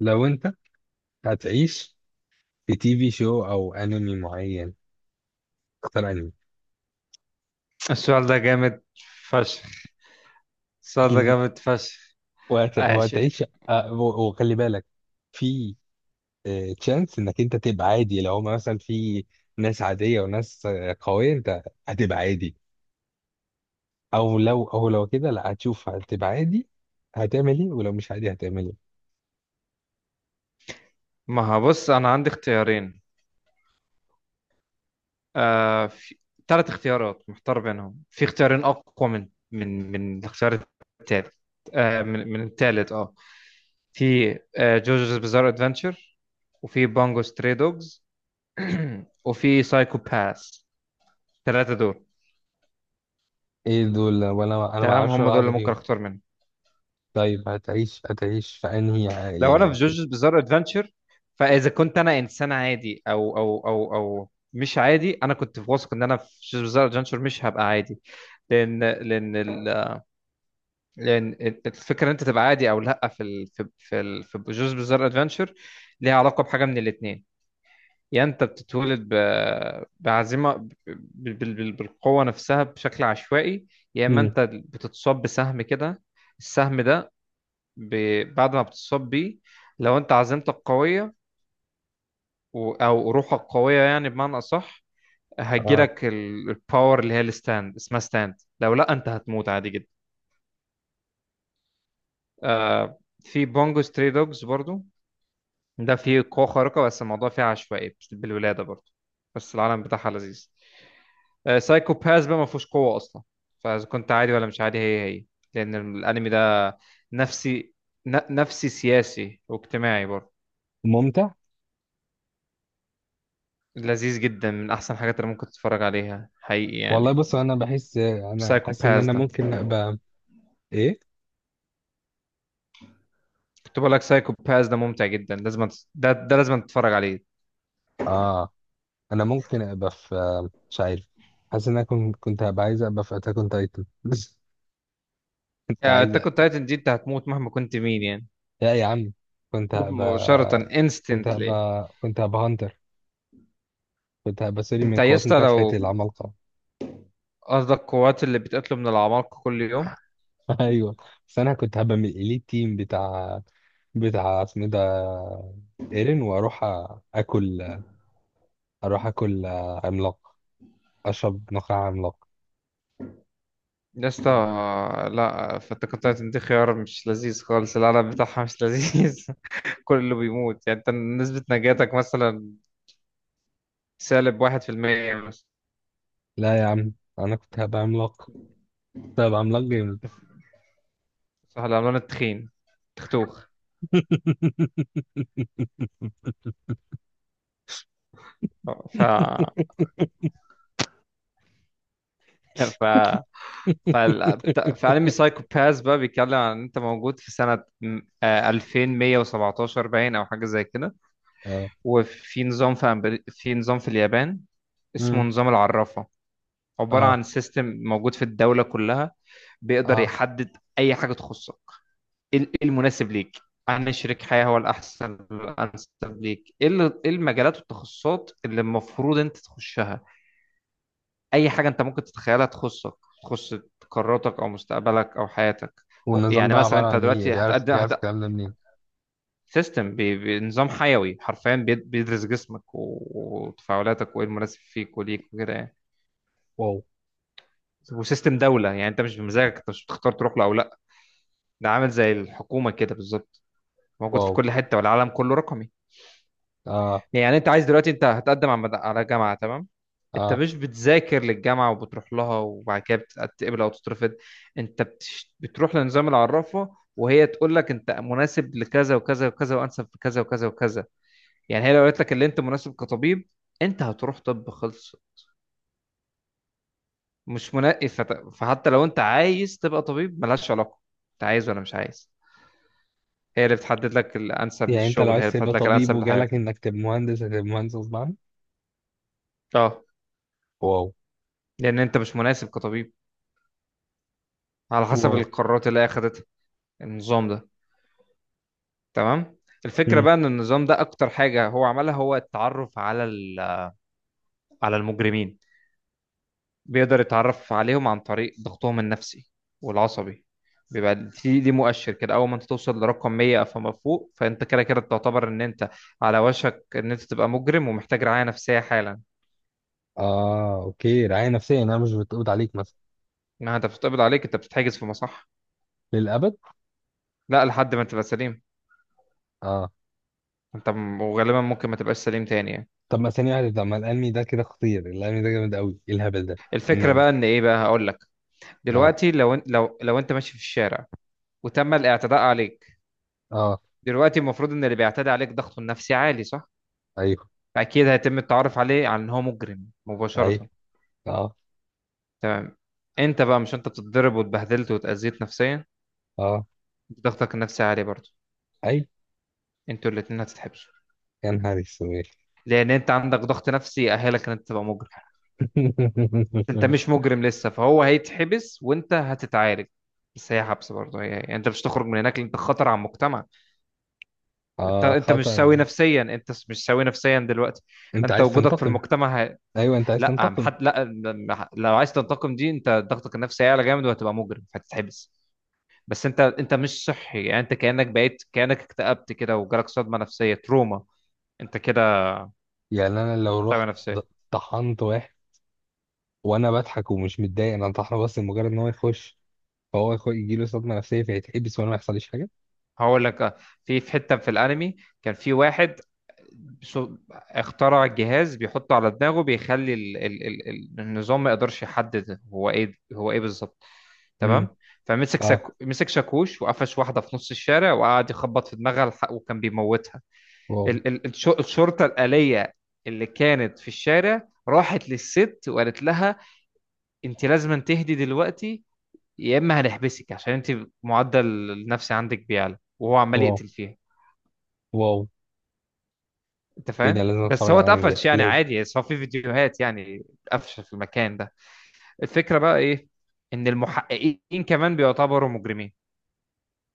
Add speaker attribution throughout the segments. Speaker 1: لو انت هتعيش في تي في شو او انمي معين، اختار انمي.
Speaker 2: السؤال ده جامد فشخ السؤال ده جامد فشخ. ماشي.
Speaker 1: وهتعيش، وخلي بالك في تشانس انك انت تبقى عادي. لو هما مثلا في ناس عادية وناس قوية، انت هتبقى عادي. او لو كده، لا هتشوف، هتبقى عادي هتعمل ايه؟ ولو مش عادي هتعمل ايه؟
Speaker 2: ما هو بص، انا عندي اختيارين، آه، في ثلاث اختيارات محتار بينهم، في اختيارين اقوى من الاختيار التالت. آه، من من التالت في جوجوز بزار ادفنتشر، وفي بانجو ستري دوجز، وفي سايكو باس. الثلاثه دول.
Speaker 1: ايه دول؟ وانا ما
Speaker 2: تمام،
Speaker 1: اعرفش ولا
Speaker 2: هم دول
Speaker 1: واحدة
Speaker 2: اللي ممكن
Speaker 1: فيهم.
Speaker 2: اختار منهم.
Speaker 1: طيب، هتعيش في انهي
Speaker 2: لو
Speaker 1: يعني
Speaker 2: انا في جوجو's بزار ادفنتشر، فاذا كنت انا انسان عادي او مش عادي، انا كنت واثق ان انا في جوجو's بزار ادفنتشر مش هبقى عادي، لان لان ال- لان الفكره ان انت تبقى عادي او لا في ال في في ال في جوجو's بزار ادفنتشر ليها علاقه بحاجه من الاثنين. يا انت بتتولد بعزيمه، بالقوه نفسها بشكل عشوائي، يا اما
Speaker 1: مم.
Speaker 2: انت بتتصاب بسهم كده. السهم ده بعد ما بتتصاب بيه، لو انت عزيمتك قويه او روحك قويه، يعني بمعنى اصح،
Speaker 1: آه.
Speaker 2: هتجيلك الباور اللي هي الستاند، اسمها ستاند. لو لا، انت هتموت عادي جدا. في بونجو ستري دوجز برضو، ده فيه قوه خارقه، بس الموضوع فيه عشوائي بالولاده برضو، بس العالم بتاعها لذيذ. سايكو باس بقى ما فيهوش قوه اصلا، فاذا كنت عادي ولا مش عادي هي هي، لان الانمي ده نفسي نفسي سياسي واجتماعي برضو.
Speaker 1: ممتع.
Speaker 2: لذيذ جدا، من احسن الحاجات اللي ممكن تتفرج عليها حقيقي
Speaker 1: والله
Speaker 2: يعني.
Speaker 1: بص، انا بحس انا
Speaker 2: سايكو
Speaker 1: حاسس ان انا
Speaker 2: باس،
Speaker 1: ممكن ابقى. ايه؟
Speaker 2: كنت بقول لك سايكو باس ده ممتع جدا، لازم ده لازم تتفرج عليه.
Speaker 1: اه. انا ممكن ابقى في، مش عارف، حاسس ان انا كنت هبقى عايز ابقى في اتاك اون تايتن. كنت عايز
Speaker 2: انت كنت
Speaker 1: أبقى.
Speaker 2: تايتن دي انت هتموت مهما كنت مين يعني.
Speaker 1: لا يا عم، كنت
Speaker 2: تموت مباشرة
Speaker 1: هبقى كنت
Speaker 2: instantly.
Speaker 1: هبقى كنت هبقى هانتر. كنت هبقى سوري
Speaker 2: انت
Speaker 1: من
Speaker 2: يا
Speaker 1: قوات
Speaker 2: اسطى
Speaker 1: مكافحة
Speaker 2: لو
Speaker 1: العمالقة.
Speaker 2: قصدك قوات اللي بتقتله من العمالقة كل يوم.
Speaker 1: ايوه. بس انا كنت هبقى من الاليت تيم بتاع اسمه ده، ايرين، واروح اكل. اروح اكل عملاق، اشرب نخاع عملاق.
Speaker 2: يا اسطى، لا، فانت تايتن دي خيار مش لذيذ خالص، العالم بتاعها مش لذيذ. كله بيموت يعني، انت نسبة نجاتك مثلا سالب واحد في المية مثلا.
Speaker 1: لا يا عم، انا كنت هبقى عملاق، كنت هبقى عملاق جامد.
Speaker 2: صح، العملان التخين، تختوخ. ف ف في انمي سايكو باس بقى بيتكلم عن إن انت موجود في سنة 2117 باين او حاجة زي كده.
Speaker 1: اه.
Speaker 2: وفي نظام في في نظام في اليابان اسمه
Speaker 1: مم.
Speaker 2: نظام العرافة. عبارة
Speaker 1: اه.
Speaker 2: عن سيستم موجود في الدولة كلها، بيقدر
Speaker 1: اه.
Speaker 2: يحدد اي حاجة تخصك. إيه المناسب ليك عن شريك حياة، هو الأحسن الأنسب ليك، إيه المجالات والتخصصات اللي المفروض أنت تخشها. اي حاجه انت ممكن تتخيلها تخصك، تخص قراراتك او مستقبلك او حياتك.
Speaker 1: والنظام
Speaker 2: يعني
Speaker 1: ده
Speaker 2: مثلا
Speaker 1: عبارة
Speaker 2: انت
Speaker 1: عن ايه؟
Speaker 2: دلوقتي
Speaker 1: بيعرف بيعرف الكلام ده منين؟
Speaker 2: سيستم بنظام حيوي حرفيا، بيدرس جسمك وتفاعلاتك وايه المناسب فيك وليك وكده يعني.
Speaker 1: واو.
Speaker 2: وسيستم دوله، يعني انت مش بمزاجك، انت مش بتختار تروح له او لا. ده عامل زي الحكومه كده بالظبط، موجود في
Speaker 1: واو.
Speaker 2: كل حته، والعالم كله رقمي.
Speaker 1: اه.
Speaker 2: يعني انت عايز دلوقتي انت هتقدم على جامعه، تمام؟ انت
Speaker 1: اه.
Speaker 2: مش بتذاكر للجامعه وبتروح لها وبعد كده بتتقبل او تترفض. انت بتروح لنظام العرافه وهي تقول لك انت مناسب لكذا وكذا وكذا، وانسب في كذا وكذا وكذا. يعني هي لو قالت لك اللي انت مناسب كطبيب، انت هتروح طب خلص، مش منقي. فحتى لو انت عايز تبقى طبيب ملهاش علاقه، انت عايز ولا مش عايز. هي اللي بتحدد لك الانسب
Speaker 1: يعني انت لو
Speaker 2: للشغل، هي
Speaker 1: عايز
Speaker 2: اللي بتحدد
Speaker 1: تبقى
Speaker 2: لك
Speaker 1: طبيب
Speaker 2: الانسب
Speaker 1: وجالك
Speaker 2: لحياتك.
Speaker 1: انك تبقى مهندس، هتبقى مهندس غصب عنك؟
Speaker 2: اه،
Speaker 1: واو.
Speaker 2: لان انت مش مناسب كطبيب، على حسب
Speaker 1: واو.
Speaker 2: القرارات اللي هي اخدتها. النظام ده. تمام. الفكرة
Speaker 1: مم.
Speaker 2: بقى ان النظام ده اكتر حاجة هو عملها هو التعرف على على المجرمين. بيقدر يتعرف عليهم عن طريق ضغطهم النفسي والعصبي. بيبقى دي دي مؤشر كده، اول ما انت توصل لرقم 100 فما فوق، فانت كده كده تعتبر ان انت على وشك ان انت تبقى مجرم ومحتاج رعاية نفسية حالا.
Speaker 1: اه. اوكي، رعاية نفسية يعني انا مش بتقبض عليك مثلا؟
Speaker 2: انها انت بتتقبض عليك، انت بتتحجز في مصح.
Speaker 1: للأبد؟
Speaker 2: لا، لحد ما تبقى سليم.
Speaker 1: اه.
Speaker 2: وغالبا ممكن ما تبقاش سليم تاني يعني.
Speaker 1: طب ما ثانية واحدة، طب ما الأنمي ده كده خطير، الأنمي ده جامد قوي، ايه الهبل ده؟
Speaker 2: الفكرة بقى ان ايه بقى، هقول لك.
Speaker 1: اه.
Speaker 2: دلوقتي لو إن- لو لو انت ماشي في الشارع وتم الاعتداء عليك،
Speaker 1: اه.
Speaker 2: دلوقتي المفروض ان اللي بيعتدي عليك ضغطه النفسي عالي، صح؟
Speaker 1: ايوه.
Speaker 2: فاكيد هيتم التعرف عليه على ان هو مجرم
Speaker 1: ايوه.
Speaker 2: مباشرة.
Speaker 1: اه.
Speaker 2: تمام. انت بقى، مش انت بتتضرب واتبهدلت واتأذيت نفسيا،
Speaker 1: اه.
Speaker 2: انت ضغطك النفسي عالي برضه،
Speaker 1: ايوه.
Speaker 2: انتوا الاتنين هتتحبسوا.
Speaker 1: يا نهار اسود.
Speaker 2: لان انت عندك ضغط نفسي يأهلك ان انت تبقى مجرم. انت مش مجرم لسه، فهو هيتحبس وانت هتتعالج، بس هي حبس برضه هي يعني، انت مش تخرج من هناك لأن انت خطر على المجتمع. انت
Speaker 1: اه،
Speaker 2: انت مش
Speaker 1: خطر.
Speaker 2: سوي نفسيا، انت مش سوي نفسيا دلوقتي.
Speaker 1: انت
Speaker 2: فانت
Speaker 1: عايز
Speaker 2: وجودك في
Speaker 1: تنتقم.
Speaker 2: المجتمع.
Speaker 1: ايوه، انت عايز
Speaker 2: لا عم-
Speaker 1: تنتقم.
Speaker 2: حد لا م- لو عايز تنتقم، دي انت ضغطك النفسي هيعلى جامد وهتبقى مجرم فهتتحبس. بس انت مش صحي يعني، انت كانك بقيت كانك اكتئبت كده وجالك صدمه نفسيه تروما. انت كده.
Speaker 1: يعني انا لو
Speaker 2: صدمه
Speaker 1: رحت ض-
Speaker 2: نفسيه.
Speaker 1: طحنت واحد، وانا بضحك ومش متضايق انا طحنه، بس مجرد ان هو يخش، فهو يجيله صدمه نفسيه فيتحبس، وانا ما يحصليش حاجه؟
Speaker 2: هقول لك في حته في الانمي، كان في واحد اخترع جهاز بيحطه على دماغه بيخلي النظام ما يقدرش يحدد هو ايه، هو ايه بالظبط.
Speaker 1: امم
Speaker 2: تمام. فمسك
Speaker 1: اه.
Speaker 2: مسك شاكوش وقفش واحده في نص الشارع وقعد يخبط في دماغها، وكان بيموتها.
Speaker 1: واو.
Speaker 2: الشرطة الآلية اللي كانت في الشارع راحت للست وقالت لها انت لازم تهدي دلوقتي، يا اما هنحبسك عشان انت معدل النفسي عندك بيعلى، وهو عمال
Speaker 1: واو.
Speaker 2: يقتل فيها.
Speaker 1: واو.
Speaker 2: انت
Speaker 1: ايه ده،
Speaker 2: فاهم؟
Speaker 1: لازم
Speaker 2: بس
Speaker 1: اتفرج
Speaker 2: هو
Speaker 1: على الانمي ده،
Speaker 2: اتقفش يعني
Speaker 1: لازم.
Speaker 2: عادي، بس هو في فيديوهات يعني اتقفش في المكان ده. الفكرة بقى ايه، ان المحققين كمان بيعتبروا مجرمين.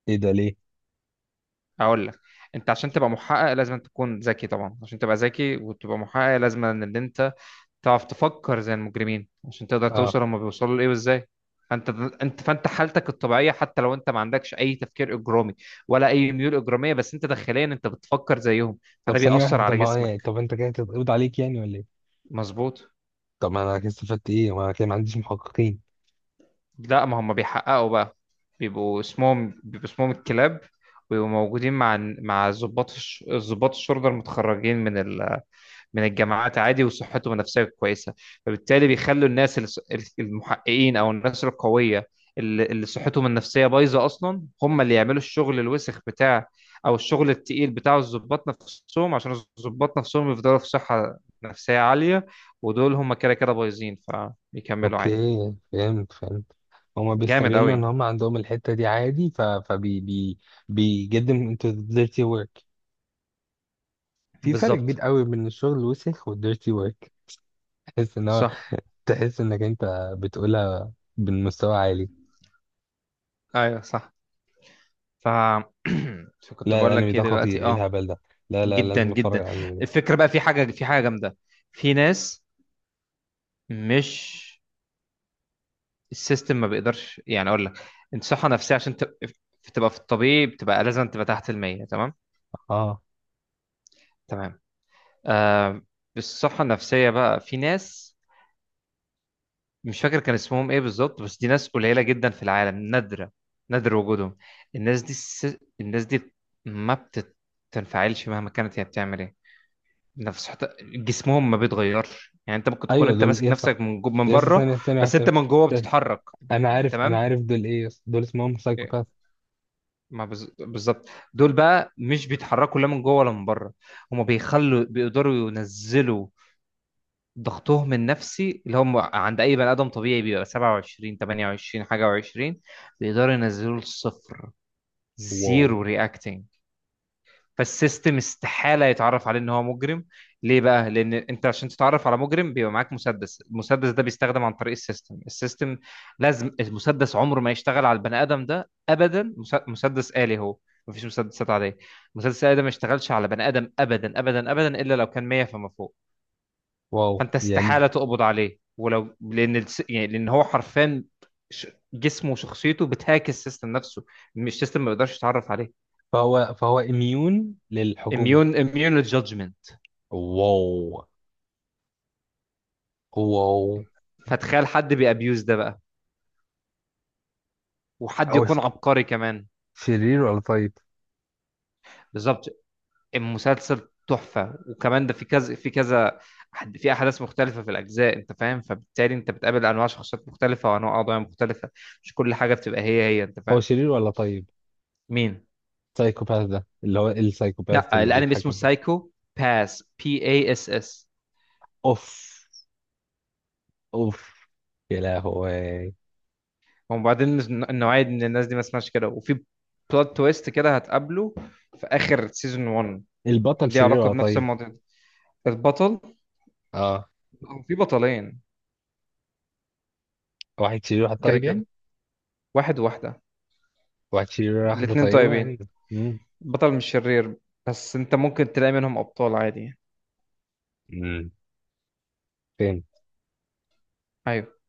Speaker 1: ايه ده ليه؟
Speaker 2: اقول لك، انت عشان تبقى محقق لازم تكون ذكي طبعا، عشان تبقى ذكي وتبقى محقق لازم ان انت تعرف تفكر زي المجرمين عشان تقدر
Speaker 1: اه.
Speaker 2: توصل هما بيوصلوا لايه وازاي. فانت، انت فانت حالتك الطبيعيه، حتى لو انت ما عندكش اي تفكير اجرامي ولا اي ميول اجراميه، بس انت داخليا انت بتفكر زيهم،
Speaker 1: طب
Speaker 2: فده
Speaker 1: ثانيه
Speaker 2: بيأثر
Speaker 1: واحده، طب
Speaker 2: على
Speaker 1: ما
Speaker 2: جسمك.
Speaker 1: طب انت كده تتقبض عليك يعني ولا ايه؟
Speaker 2: مظبوط.
Speaker 1: طب ما انا كده استفدت ايه؟ ما انا كده ما عنديش محققين.
Speaker 2: لا، ما هم بيحققوا بقى. بيبقوا اسمهم الكلاب، ويبقوا موجودين مع ضباط ضباط الشرطه المتخرجين من من الجامعات عادي وصحتهم النفسيه كويسه، فبالتالي بيخلوا الناس المحققين او الناس القويه اللي صحتهم النفسيه بايظه اصلا، هم اللي يعملوا الشغل الوسخ بتاع، او الشغل التقيل بتاع الضباط نفسهم، عشان الضباط نفسهم يفضلوا في صحه نفسيه عاليه، ودول هم كده كده بايظين فبيكملوا عادي.
Speaker 1: اوكي، فهمت فهمت. هما
Speaker 2: جامد
Speaker 1: بيستغلوا ان
Speaker 2: قوي.
Speaker 1: هما عندهم الحتة دي عادي، ف فبي بي بي get them into the dirty work. في فرق كبير
Speaker 2: بالظبط.
Speaker 1: قوي بين الشغل الوسخ وال dirty work. تحس ان هو،
Speaker 2: صح.
Speaker 1: تحس انك انت بتقولها بمستوى عالي.
Speaker 2: ايوه صح. ف فكنت
Speaker 1: لا
Speaker 2: بقول
Speaker 1: الانمي
Speaker 2: لك ايه
Speaker 1: ده خطير،
Speaker 2: دلوقتي،
Speaker 1: ايه الهبل ده. لا لا،
Speaker 2: جدا
Speaker 1: لازم اتفرج
Speaker 2: جدا.
Speaker 1: على الانمي ده.
Speaker 2: الفكره بقى في حاجه جامده. في ناس، مش، السيستم ما بيقدرش، يعني اقول لك، انت صحه نفسيه عشان تبقى في الطبيعي بتبقى لازم تبقى تحت المية، تمام؟
Speaker 1: اه.
Speaker 2: تمام. آه. الصحه النفسيه بقى، في ناس، مش فاكر كان اسمهم ايه بالظبط، بس دي ناس قليله جدا في العالم، نادره، نادر وجودهم. الناس دي الناس دي ما بتنفعلش مهما كانت هي بتعمل ايه. نفس، حتى جسمهم ما بيتغيرش، يعني انت ممكن تكون
Speaker 1: ايوه،
Speaker 2: انت
Speaker 1: دول
Speaker 2: ماسك
Speaker 1: يس.
Speaker 2: نفسك من من
Speaker 1: يس،
Speaker 2: بره،
Speaker 1: ثانية ثانية واحدة
Speaker 2: بس انت
Speaker 1: ثانية.
Speaker 2: من جوه
Speaker 1: ده-
Speaker 2: بتتحرك.
Speaker 1: انا عارف، انا
Speaker 2: تمام.
Speaker 1: عارف دول ايه. يس، دول اسمهم سايكوباث.
Speaker 2: ما بز- بالظبط، دول بقى مش بيتحركوا لا من جوه ولا من بره. هم بيخلوا، بيقدروا ينزلوا ضغطهم النفسي اللي هم، عند اي بني ادم طبيعي بيبقى 27 28 حاجه و20، بيقدروا ينزلوا لصفر،
Speaker 1: واو.
Speaker 2: زيرو reacting. فالسيستم استحالة يتعرف عليه ان هو مجرم. ليه بقى؟ لان انت عشان تتعرف على مجرم بيبقى معاك مسدس، المسدس ده بيستخدم عن طريق السيستم. السيستم لازم، المسدس عمره ما يشتغل على البني ادم ده ابدا. مسدس آلي هو، مفيش مسدسات عادية، مسدس آلي ده ما يشتغلش على بني ادم ابدا ابدا ابدا، الا لو كان 100 فما فوق.
Speaker 1: واو.
Speaker 2: فانت استحالة
Speaker 1: يعني
Speaker 2: تقبض عليه، ولو لان يعني لان هو حرفيا، ش- جسمه وشخصيته بتهاك السيستم نفسه، مش السيستم ما بيقدرش يتعرف عليه.
Speaker 1: فهو اميون للحكومة.
Speaker 2: اميون، اميون للجادجمنت.
Speaker 1: واو. واو.
Speaker 2: فتخيل حد بيأبيوز ده بقى، وحد
Speaker 1: هو ش...
Speaker 2: يكون عبقري كمان.
Speaker 1: شرير ولا طيب؟
Speaker 2: بالظبط. المسلسل تحفة، وكمان ده في كذا في كذا، في أحداث مختلفة في الأجزاء، أنت فاهم، فبالتالي أنت بتقابل أنواع شخصيات مختلفة وأنواع قضايا مختلفة، مش كل حاجة بتبقى هي هي، أنت
Speaker 1: هو
Speaker 2: فاهم.
Speaker 1: شرير ولا طيب؟
Speaker 2: مين؟
Speaker 1: سايكوباث ده اللي هو السايكوباث
Speaker 2: لا،
Speaker 1: اللي
Speaker 2: الأنمي اسمه
Speaker 1: بيتحكم ده؟
Speaker 2: سايكو باس، PSS.
Speaker 1: اوف. اوف. يا لهوي.
Speaker 2: وبعدين النوعية من الناس دي ما اسمهاش كده، وفي بلوت تويست كده هتقابله في آخر سيزون 1.
Speaker 1: البطل
Speaker 2: ليه
Speaker 1: شرير
Speaker 2: علاقة
Speaker 1: ولا
Speaker 2: بنفس
Speaker 1: طيب؟
Speaker 2: الموضوع ده. البطل،
Speaker 1: اه.
Speaker 2: هو في بطلين،
Speaker 1: واحد شرير واحد
Speaker 2: كده
Speaker 1: طيب يعني؟
Speaker 2: كده، واحد وواحدة.
Speaker 1: واحد شرير واحدة
Speaker 2: الاتنين
Speaker 1: طيبة
Speaker 2: طيبين،
Speaker 1: يعني.
Speaker 2: بطل مش شرير، بس انت ممكن تلاقي منهم ابطال عادي.
Speaker 1: امم
Speaker 2: ايوه.